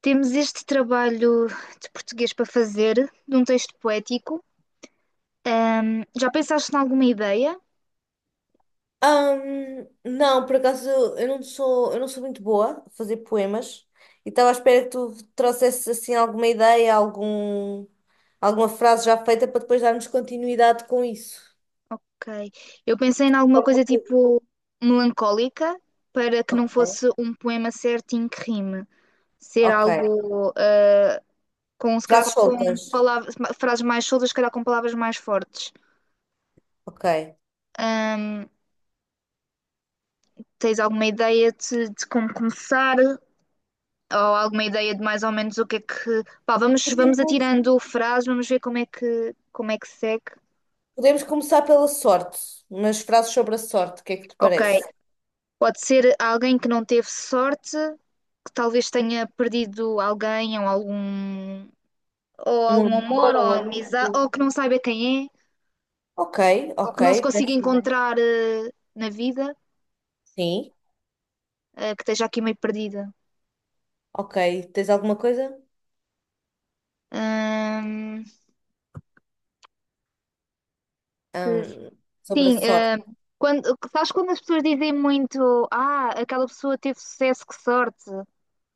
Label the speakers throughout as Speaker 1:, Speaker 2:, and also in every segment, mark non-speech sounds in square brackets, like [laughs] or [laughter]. Speaker 1: Temos este trabalho de português para fazer, de um texto poético. Já pensaste em alguma ideia?
Speaker 2: Não, por acaso eu não sou muito boa a fazer poemas e estava à espera que tu trouxesses assim alguma ideia, alguma frase já feita para depois darmos continuidade com isso.
Speaker 1: Ok. Eu pensei em alguma
Speaker 2: Alguma
Speaker 1: coisa
Speaker 2: coisa.
Speaker 1: tipo melancólica, para que não
Speaker 2: Ok.
Speaker 1: fosse um poema certinho que rime. Ser
Speaker 2: Ok.
Speaker 1: algo com, se calhar,
Speaker 2: Frases
Speaker 1: com
Speaker 2: soltas.
Speaker 1: palavras, frases mais soltas, se calhar com palavras mais fortes.
Speaker 2: Ok.
Speaker 1: Ahm, Tens alguma ideia de como começar? Ou alguma ideia de mais ou menos o que é que. Pá, vamos
Speaker 2: Podemos,
Speaker 1: atirando frases, vamos ver como é que como é que segue.
Speaker 2: podemos começar pela sorte, umas frases sobre a sorte, o que é que te
Speaker 1: Ok,
Speaker 2: parece?
Speaker 1: pode ser alguém que não teve sorte, que talvez tenha perdido alguém ou ou
Speaker 2: Um
Speaker 1: algum
Speaker 2: amor,
Speaker 1: amor ou
Speaker 2: um
Speaker 1: amizade,
Speaker 2: amigo.
Speaker 1: ou que não saiba quem é,
Speaker 2: Ok,
Speaker 1: ou
Speaker 2: ok,
Speaker 1: que não se consiga
Speaker 2: parece bem.
Speaker 1: encontrar na vida,
Speaker 2: Sim,
Speaker 1: que esteja aqui meio perdida.
Speaker 2: ok. Tens alguma coisa?
Speaker 1: Hum, se-
Speaker 2: Ahm, sobre a
Speaker 1: sim,
Speaker 2: sorte?
Speaker 1: quando, sabes quando as pessoas dizem muito, ah, aquela pessoa teve sucesso, que sorte.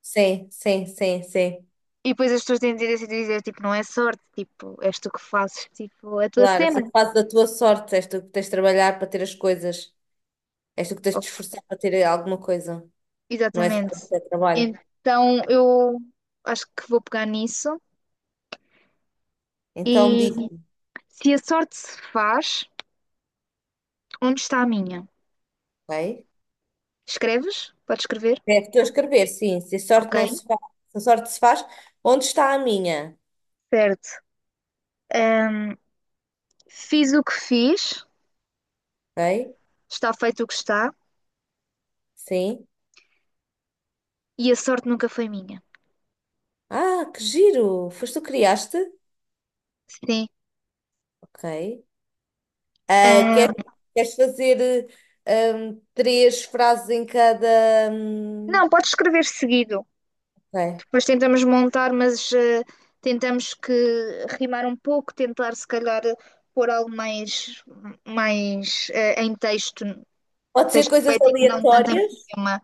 Speaker 2: Sim, sim, sim, sim.
Speaker 1: E depois as pessoas têm tendência a dizer, tipo, não é sorte, tipo, és tu que fazes, tipo, a tua
Speaker 2: Claro, és
Speaker 1: cena.
Speaker 2: tu que fazes da tua sorte, és tu que tens de trabalhar para ter as coisas, és tu que tens de
Speaker 1: Oh,
Speaker 2: te esforçar para ter alguma coisa, não é só
Speaker 1: exatamente.
Speaker 2: o teu trabalho.
Speaker 1: Então eu acho que vou pegar nisso.
Speaker 2: Então
Speaker 1: E
Speaker 2: diz,
Speaker 1: se a sorte se faz, onde está a minha?
Speaker 2: ok?
Speaker 1: Escreves? Podes escrever?
Speaker 2: É, estou a escrever, sim, se a sorte
Speaker 1: Ok,
Speaker 2: não se faz, se a sorte se faz, onde está a minha?
Speaker 1: certo. Fiz o que fiz,
Speaker 2: Ok?
Speaker 1: está feito o que está,
Speaker 2: Sim.
Speaker 1: e a sorte nunca foi minha.
Speaker 2: Ah, que giro! Foste tu que criaste?
Speaker 1: Sim.
Speaker 2: Ok. Ah, quer,
Speaker 1: Ah,
Speaker 2: queres fazer três frases em cada. hum,
Speaker 1: não, pode escrever seguido.
Speaker 2: ok.
Speaker 1: Depois tentamos montar, mas tentamos que rimar um pouco, tentar se calhar pôr algo mais, mais em texto,
Speaker 2: Pode ser
Speaker 1: texto
Speaker 2: coisas
Speaker 1: poético, não tanto em
Speaker 2: aleatórias?
Speaker 1: poema.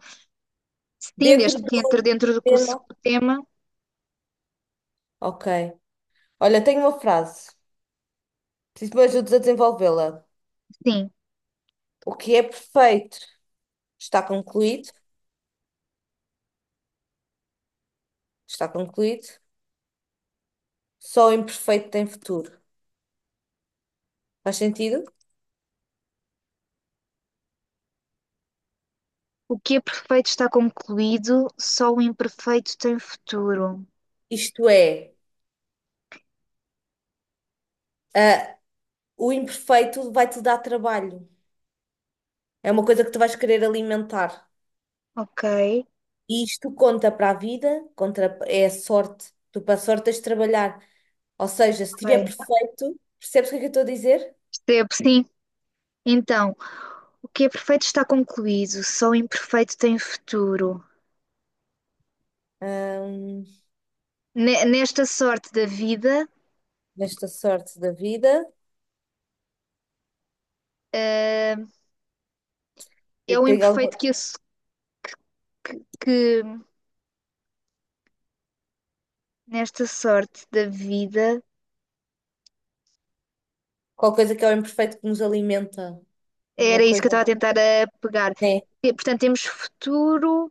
Speaker 1: Sim,
Speaker 2: Dentro
Speaker 1: desde
Speaker 2: do
Speaker 1: que entre dentro do curso
Speaker 2: tema.
Speaker 1: o tema,
Speaker 2: Ok. Olha, tenho uma frase. Preciso que me ajudes a desenvolvê-la.
Speaker 1: sim.
Speaker 2: O que é perfeito está concluído. Está concluído. Só o imperfeito tem futuro. Faz sentido?
Speaker 1: O que é perfeito está concluído, só o imperfeito tem futuro.
Speaker 2: Isto é, ah, o imperfeito vai-te dar trabalho. É uma coisa que tu vais querer alimentar.
Speaker 1: Ok,
Speaker 2: E isto conta para a vida, contra, é a sorte. Tu para a sorte tens de trabalhar. Ou seja, se estiver
Speaker 1: ok.
Speaker 2: perfeito, percebes o que é que eu estou a dizer?
Speaker 1: Percebo, sim. Então, o que é perfeito está concluído, só o imperfeito tem futuro.
Speaker 2: Ahm,
Speaker 1: Nesta sorte da vida,
Speaker 2: nesta sorte da vida,
Speaker 1: é
Speaker 2: eu
Speaker 1: o
Speaker 2: tenho
Speaker 1: imperfeito
Speaker 2: algum-
Speaker 1: que nesta sorte da vida
Speaker 2: qualquer coisa que é o imperfeito que nos alimenta. Uma
Speaker 1: era isso que eu
Speaker 2: coisa.
Speaker 1: estava a tentar a pegar.
Speaker 2: É,
Speaker 1: E, portanto, temos futuro.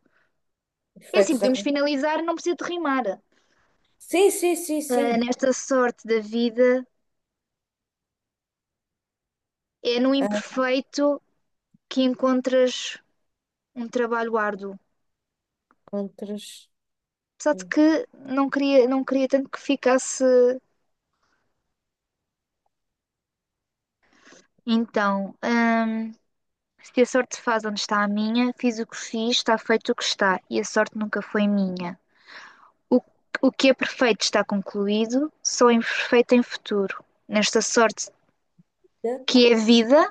Speaker 1: É assim,
Speaker 2: perfeito.
Speaker 1: podemos finalizar, não precisa de rimar.
Speaker 2: Sim, sim, sim,
Speaker 1: Ah,
Speaker 2: sim.
Speaker 1: nesta sorte da vida, é no imperfeito que encontras um trabalho árduo.
Speaker 2: Contras.
Speaker 1: Apesar de que não queria tanto que ficasse. Então, se a sorte faz onde está a minha, fiz o que fiz, está feito o que está, e a sorte nunca foi minha. O, o que é perfeito está concluído, só é imperfeito em futuro. Nesta sorte que é vida.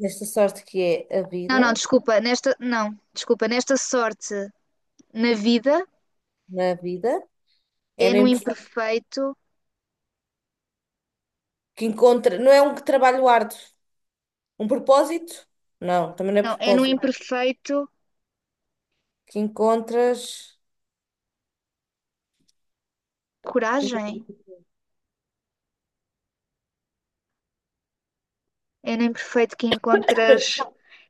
Speaker 2: Desta sorte que é a
Speaker 1: Não,
Speaker 2: vida,
Speaker 1: não, desculpa, nesta. Não, desculpa, nesta sorte na vida
Speaker 2: na vida, é
Speaker 1: é
Speaker 2: no
Speaker 1: no
Speaker 2: imperfeito
Speaker 1: imperfeito.
Speaker 2: que encontra. Não é um trabalho árduo. Um propósito? Não, também não é
Speaker 1: Não, é no
Speaker 2: propósito.
Speaker 1: imperfeito
Speaker 2: Que encontras.
Speaker 1: coragem. É no imperfeito que encontras.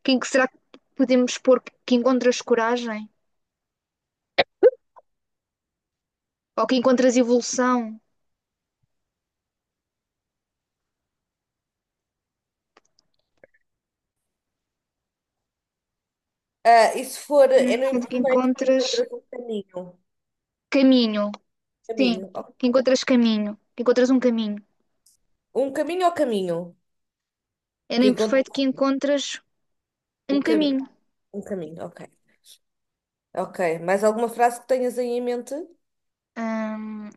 Speaker 1: Quem que será que podemos pôr que encontras coragem? Ou que encontras evolução?
Speaker 2: Ah, e se for, é no
Speaker 1: Portanto, que
Speaker 2: imperfeito que
Speaker 1: encontras
Speaker 2: encontras um caminho.
Speaker 1: caminho. Sim,
Speaker 2: Caminho. Ok.
Speaker 1: que encontras caminho. Que encontras um caminho.
Speaker 2: Um caminho ou caminho?
Speaker 1: É no
Speaker 2: Que
Speaker 1: imperfeito
Speaker 2: encontras
Speaker 1: que encontras um
Speaker 2: o cam...
Speaker 1: caminho.
Speaker 2: um caminho, ok. Ok. Mais alguma frase que tenhas aí em mente?
Speaker 1: Hum,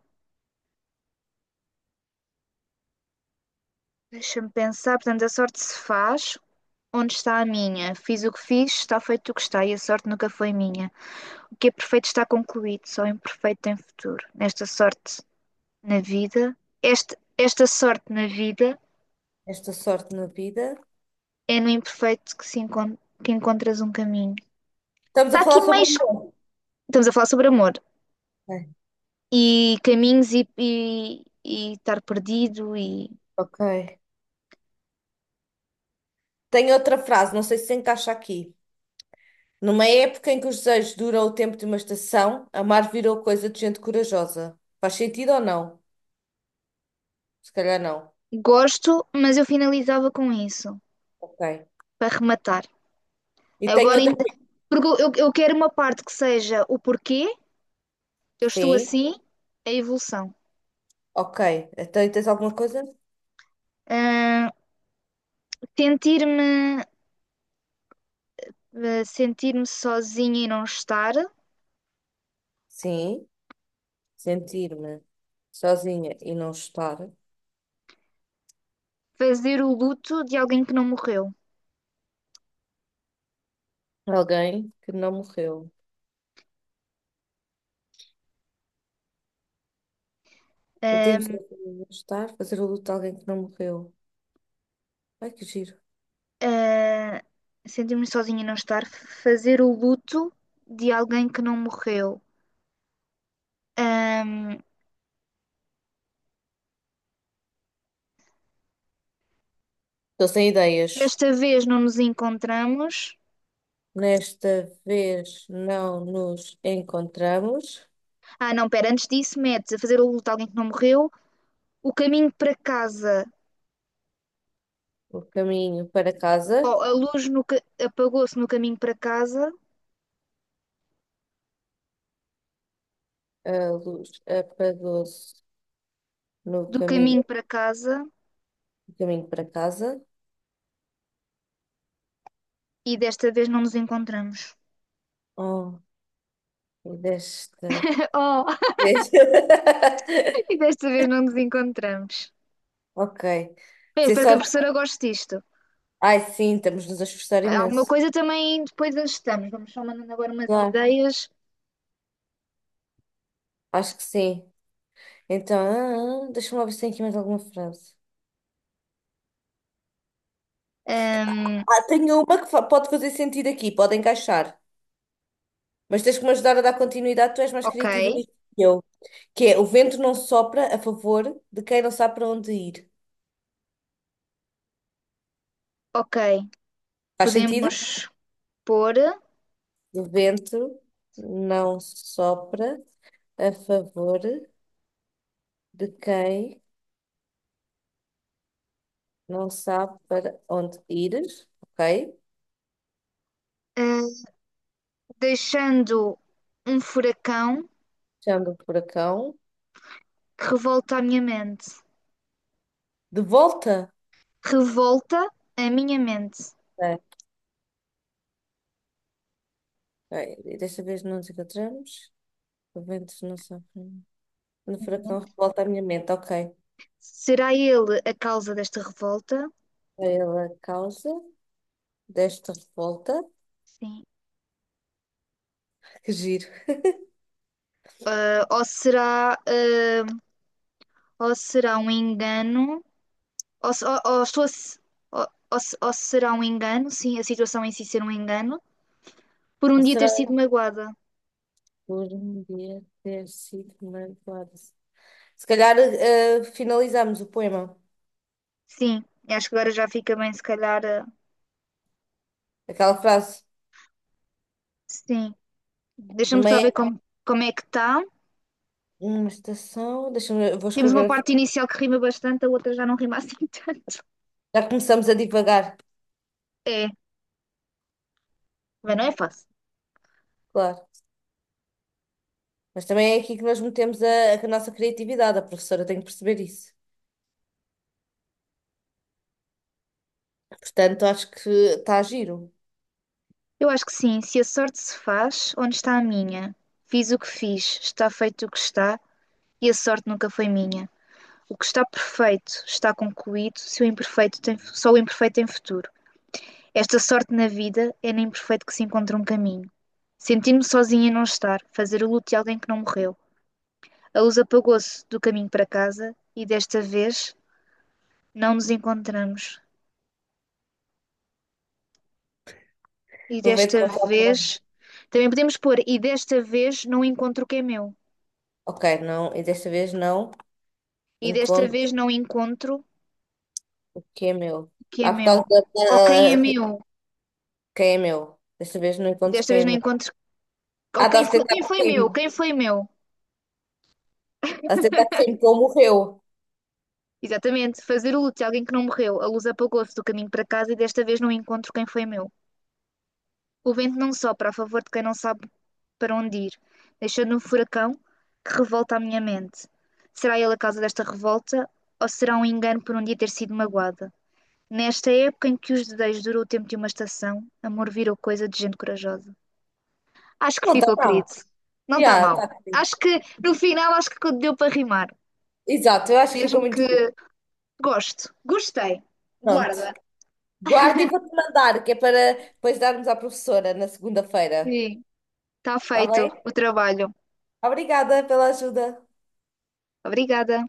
Speaker 1: deixa-me pensar, portanto, a sorte se faz. Onde está a minha? Fiz o que fiz, está feito o que está, e a sorte nunca foi minha. O que é perfeito está concluído, só o imperfeito tem futuro. Nesta sorte na vida, esta sorte na vida
Speaker 2: Esta sorte na vida.
Speaker 1: é no imperfeito que, se encon- que encontras um caminho.
Speaker 2: Estamos a
Speaker 1: Está aqui
Speaker 2: falar sobre
Speaker 1: mais.
Speaker 2: amor.
Speaker 1: Estamos a falar sobre amor
Speaker 2: Ok.
Speaker 1: e caminhos e estar perdido e
Speaker 2: Ok. Tenho outra frase, não sei se encaixa aqui. Numa época em que os desejos duram o tempo de uma estação, amar virou coisa de gente corajosa. Faz sentido ou não? Se calhar não.
Speaker 1: gosto, mas eu finalizava com isso
Speaker 2: Ok.
Speaker 1: para rematar.
Speaker 2: E tenho
Speaker 1: Agora,
Speaker 2: outra.
Speaker 1: porque eu quero uma parte que seja o porquê eu estou
Speaker 2: Sim.
Speaker 1: assim, a evolução.
Speaker 2: Ok. Então, tens alguma coisa?
Speaker 1: Ah, sentir-me, ah, sentir-me sozinha e não estar,
Speaker 2: Sim. Sentir-me sozinha e não estar,
Speaker 1: fazer o luto de alguém que não morreu.
Speaker 2: alguém que não morreu. Sentir-me
Speaker 1: Ah,
Speaker 2: sozinha não estar, fazer o luto de alguém que não morreu. Ai, que giro.
Speaker 1: ah, sentir-me sozinha e não estar, fazer o luto de alguém que não morreu. Ah,
Speaker 2: Estou sem ideias.
Speaker 1: desta vez não nos encontramos.
Speaker 2: Nesta vez não nos encontramos.
Speaker 1: Ah, não, pera, antes disso, mete fazer o luto de alguém que não morreu, o caminho para casa.
Speaker 2: O caminho para casa.
Speaker 1: Oh, a luz apagou-se no caminho para casa,
Speaker 2: A luz apagou-se no
Speaker 1: do
Speaker 2: caminho,
Speaker 1: caminho para casa,
Speaker 2: no caminho para casa.
Speaker 1: e desta vez não nos encontramos.
Speaker 2: Oh, e desta
Speaker 1: [laughs] Oh,
Speaker 2: vez. [laughs]
Speaker 1: [laughs] e desta vez não nos encontramos.
Speaker 2: Ok.
Speaker 1: Bem, eu
Speaker 2: Sem
Speaker 1: espero que a
Speaker 2: sorte.
Speaker 1: professora goste disto.
Speaker 2: Ai, sim, estamos-nos a esforçar
Speaker 1: Alguma
Speaker 2: imenso.
Speaker 1: coisa também depois ajustamos. Vamos só mandando agora umas
Speaker 2: Claro.
Speaker 1: ideias.
Speaker 2: Acho que sim. Então, deixa-me lá ver se tem aqui mais alguma frase.
Speaker 1: Ahm,
Speaker 2: Ah, tenho uma que pode fazer sentido aqui, pode encaixar. Mas tens que me ajudar a dar continuidade, tu és mais
Speaker 1: ok,
Speaker 2: criativa nisto que eu. Que é, o vento não sopra a favor de quem não sabe para onde ir.
Speaker 1: ok.
Speaker 2: Faz sentido?
Speaker 1: Podemos pôr,
Speaker 2: O vento não sopra a favor de quem não sabe para onde ir. Ok?
Speaker 1: ah, deixando um furacão
Speaker 2: Chama o furacão.
Speaker 1: que revolta a minha mente.
Speaker 2: De volta.
Speaker 1: Revolta a minha mente?
Speaker 2: Ok, ok. Desta vez não nos encontramos. Juventus não sofrem. No furacão revolta a minha mente. Ok.
Speaker 1: Será ele a causa desta revolta?
Speaker 2: Pela causa desta revolta,
Speaker 1: Sim.
Speaker 2: [laughs] que giro.
Speaker 1: Ah, ou será um engano? Ou, se- ou estou a se- ou- ou se- ou será um engano? Sim, a situação em si ser um engano. Por um
Speaker 2: Ou
Speaker 1: dia ter
Speaker 2: será
Speaker 1: sido magoada.
Speaker 2: por um dia ter sido manipulado? Se calhar finalizamos o poema.
Speaker 1: Sim, acho que agora já fica bem, se calhar. Ah,
Speaker 2: Aquela frase.
Speaker 1: sim. Deixa-me
Speaker 2: Numa,
Speaker 1: só ver
Speaker 2: é-
Speaker 1: como é que está.
Speaker 2: numa estação. Deixa-me eu vou
Speaker 1: Temos
Speaker 2: escrever.
Speaker 1: uma parte inicial que rima bastante, a outra já não rima assim [laughs] tanto.
Speaker 2: Já começamos a divagar.
Speaker 1: É, também não é
Speaker 2: Hum,
Speaker 1: fácil.
Speaker 2: Claro. Mas também é aqui que nós metemos a nossa criatividade. A professora tem que perceber isso. Portanto, acho que está a giro.
Speaker 1: Eu acho que sim, se a sorte se faz, onde está a minha? Fiz o que fiz, está feito o que está, e a sorte nunca foi minha. O que está perfeito está concluído, se o imperfeito tem, só o imperfeito tem futuro. Esta sorte na vida é no imperfeito que se encontra um caminho. Sentir-me sozinha e não estar, fazer o luto de alguém que não morreu. A luz apagou-se do caminho para casa, e desta vez não nos encontramos. E
Speaker 2: Vou ver se
Speaker 1: desta
Speaker 2: não
Speaker 1: vez.
Speaker 2: sabe.
Speaker 1: Também podemos pôr, e desta vez não encontro o que é meu.
Speaker 2: Ok, não. E desta vez não.
Speaker 1: E desta
Speaker 2: Encontro
Speaker 1: vez não encontro
Speaker 2: quem é meu.
Speaker 1: o que é
Speaker 2: Ah, por
Speaker 1: meu.
Speaker 2: causa
Speaker 1: Ou quem
Speaker 2: da...
Speaker 1: é
Speaker 2: da-
Speaker 1: meu.
Speaker 2: quem é meu? Desta vez não
Speaker 1: E
Speaker 2: encontro
Speaker 1: desta
Speaker 2: quem
Speaker 1: vez
Speaker 2: é
Speaker 1: não
Speaker 2: meu.
Speaker 1: encontro. Ou
Speaker 2: Ah, está a tentar
Speaker 1: quem foi
Speaker 2: crime.
Speaker 1: quem foi meu.
Speaker 2: Está a tentar crime que ele morreu.
Speaker 1: Exatamente, fazer o luto de alguém que não morreu. A luz apagou-se do caminho para casa e desta vez não encontro quem foi meu. O vento não sopra a favor de quem não sabe para onde ir, deixando um furacão que revolta a minha mente. Será ele a causa desta revolta ou será um engano por um dia ter sido magoada? Nesta época em que os desejos durou o tempo de uma estação, amor virou coisa de gente corajosa. Acho que
Speaker 2: Não está
Speaker 1: ficou,
Speaker 2: não.
Speaker 1: querido. Não está
Speaker 2: Já, está
Speaker 1: mal.
Speaker 2: crime.
Speaker 1: Acho que No final acho que deu para rimar.
Speaker 2: Exato, eu acho que fica
Speaker 1: Mesmo
Speaker 2: muito
Speaker 1: que
Speaker 2: giro.
Speaker 1: gosto. Gostei. Guarda.
Speaker 2: Pronto. Guarda e vou-te mandar, que é para depois darmos à professora na segunda-feira.
Speaker 1: Sim, está
Speaker 2: Está
Speaker 1: feito
Speaker 2: bem?
Speaker 1: o trabalho.
Speaker 2: Obrigada pela ajuda.
Speaker 1: Obrigada.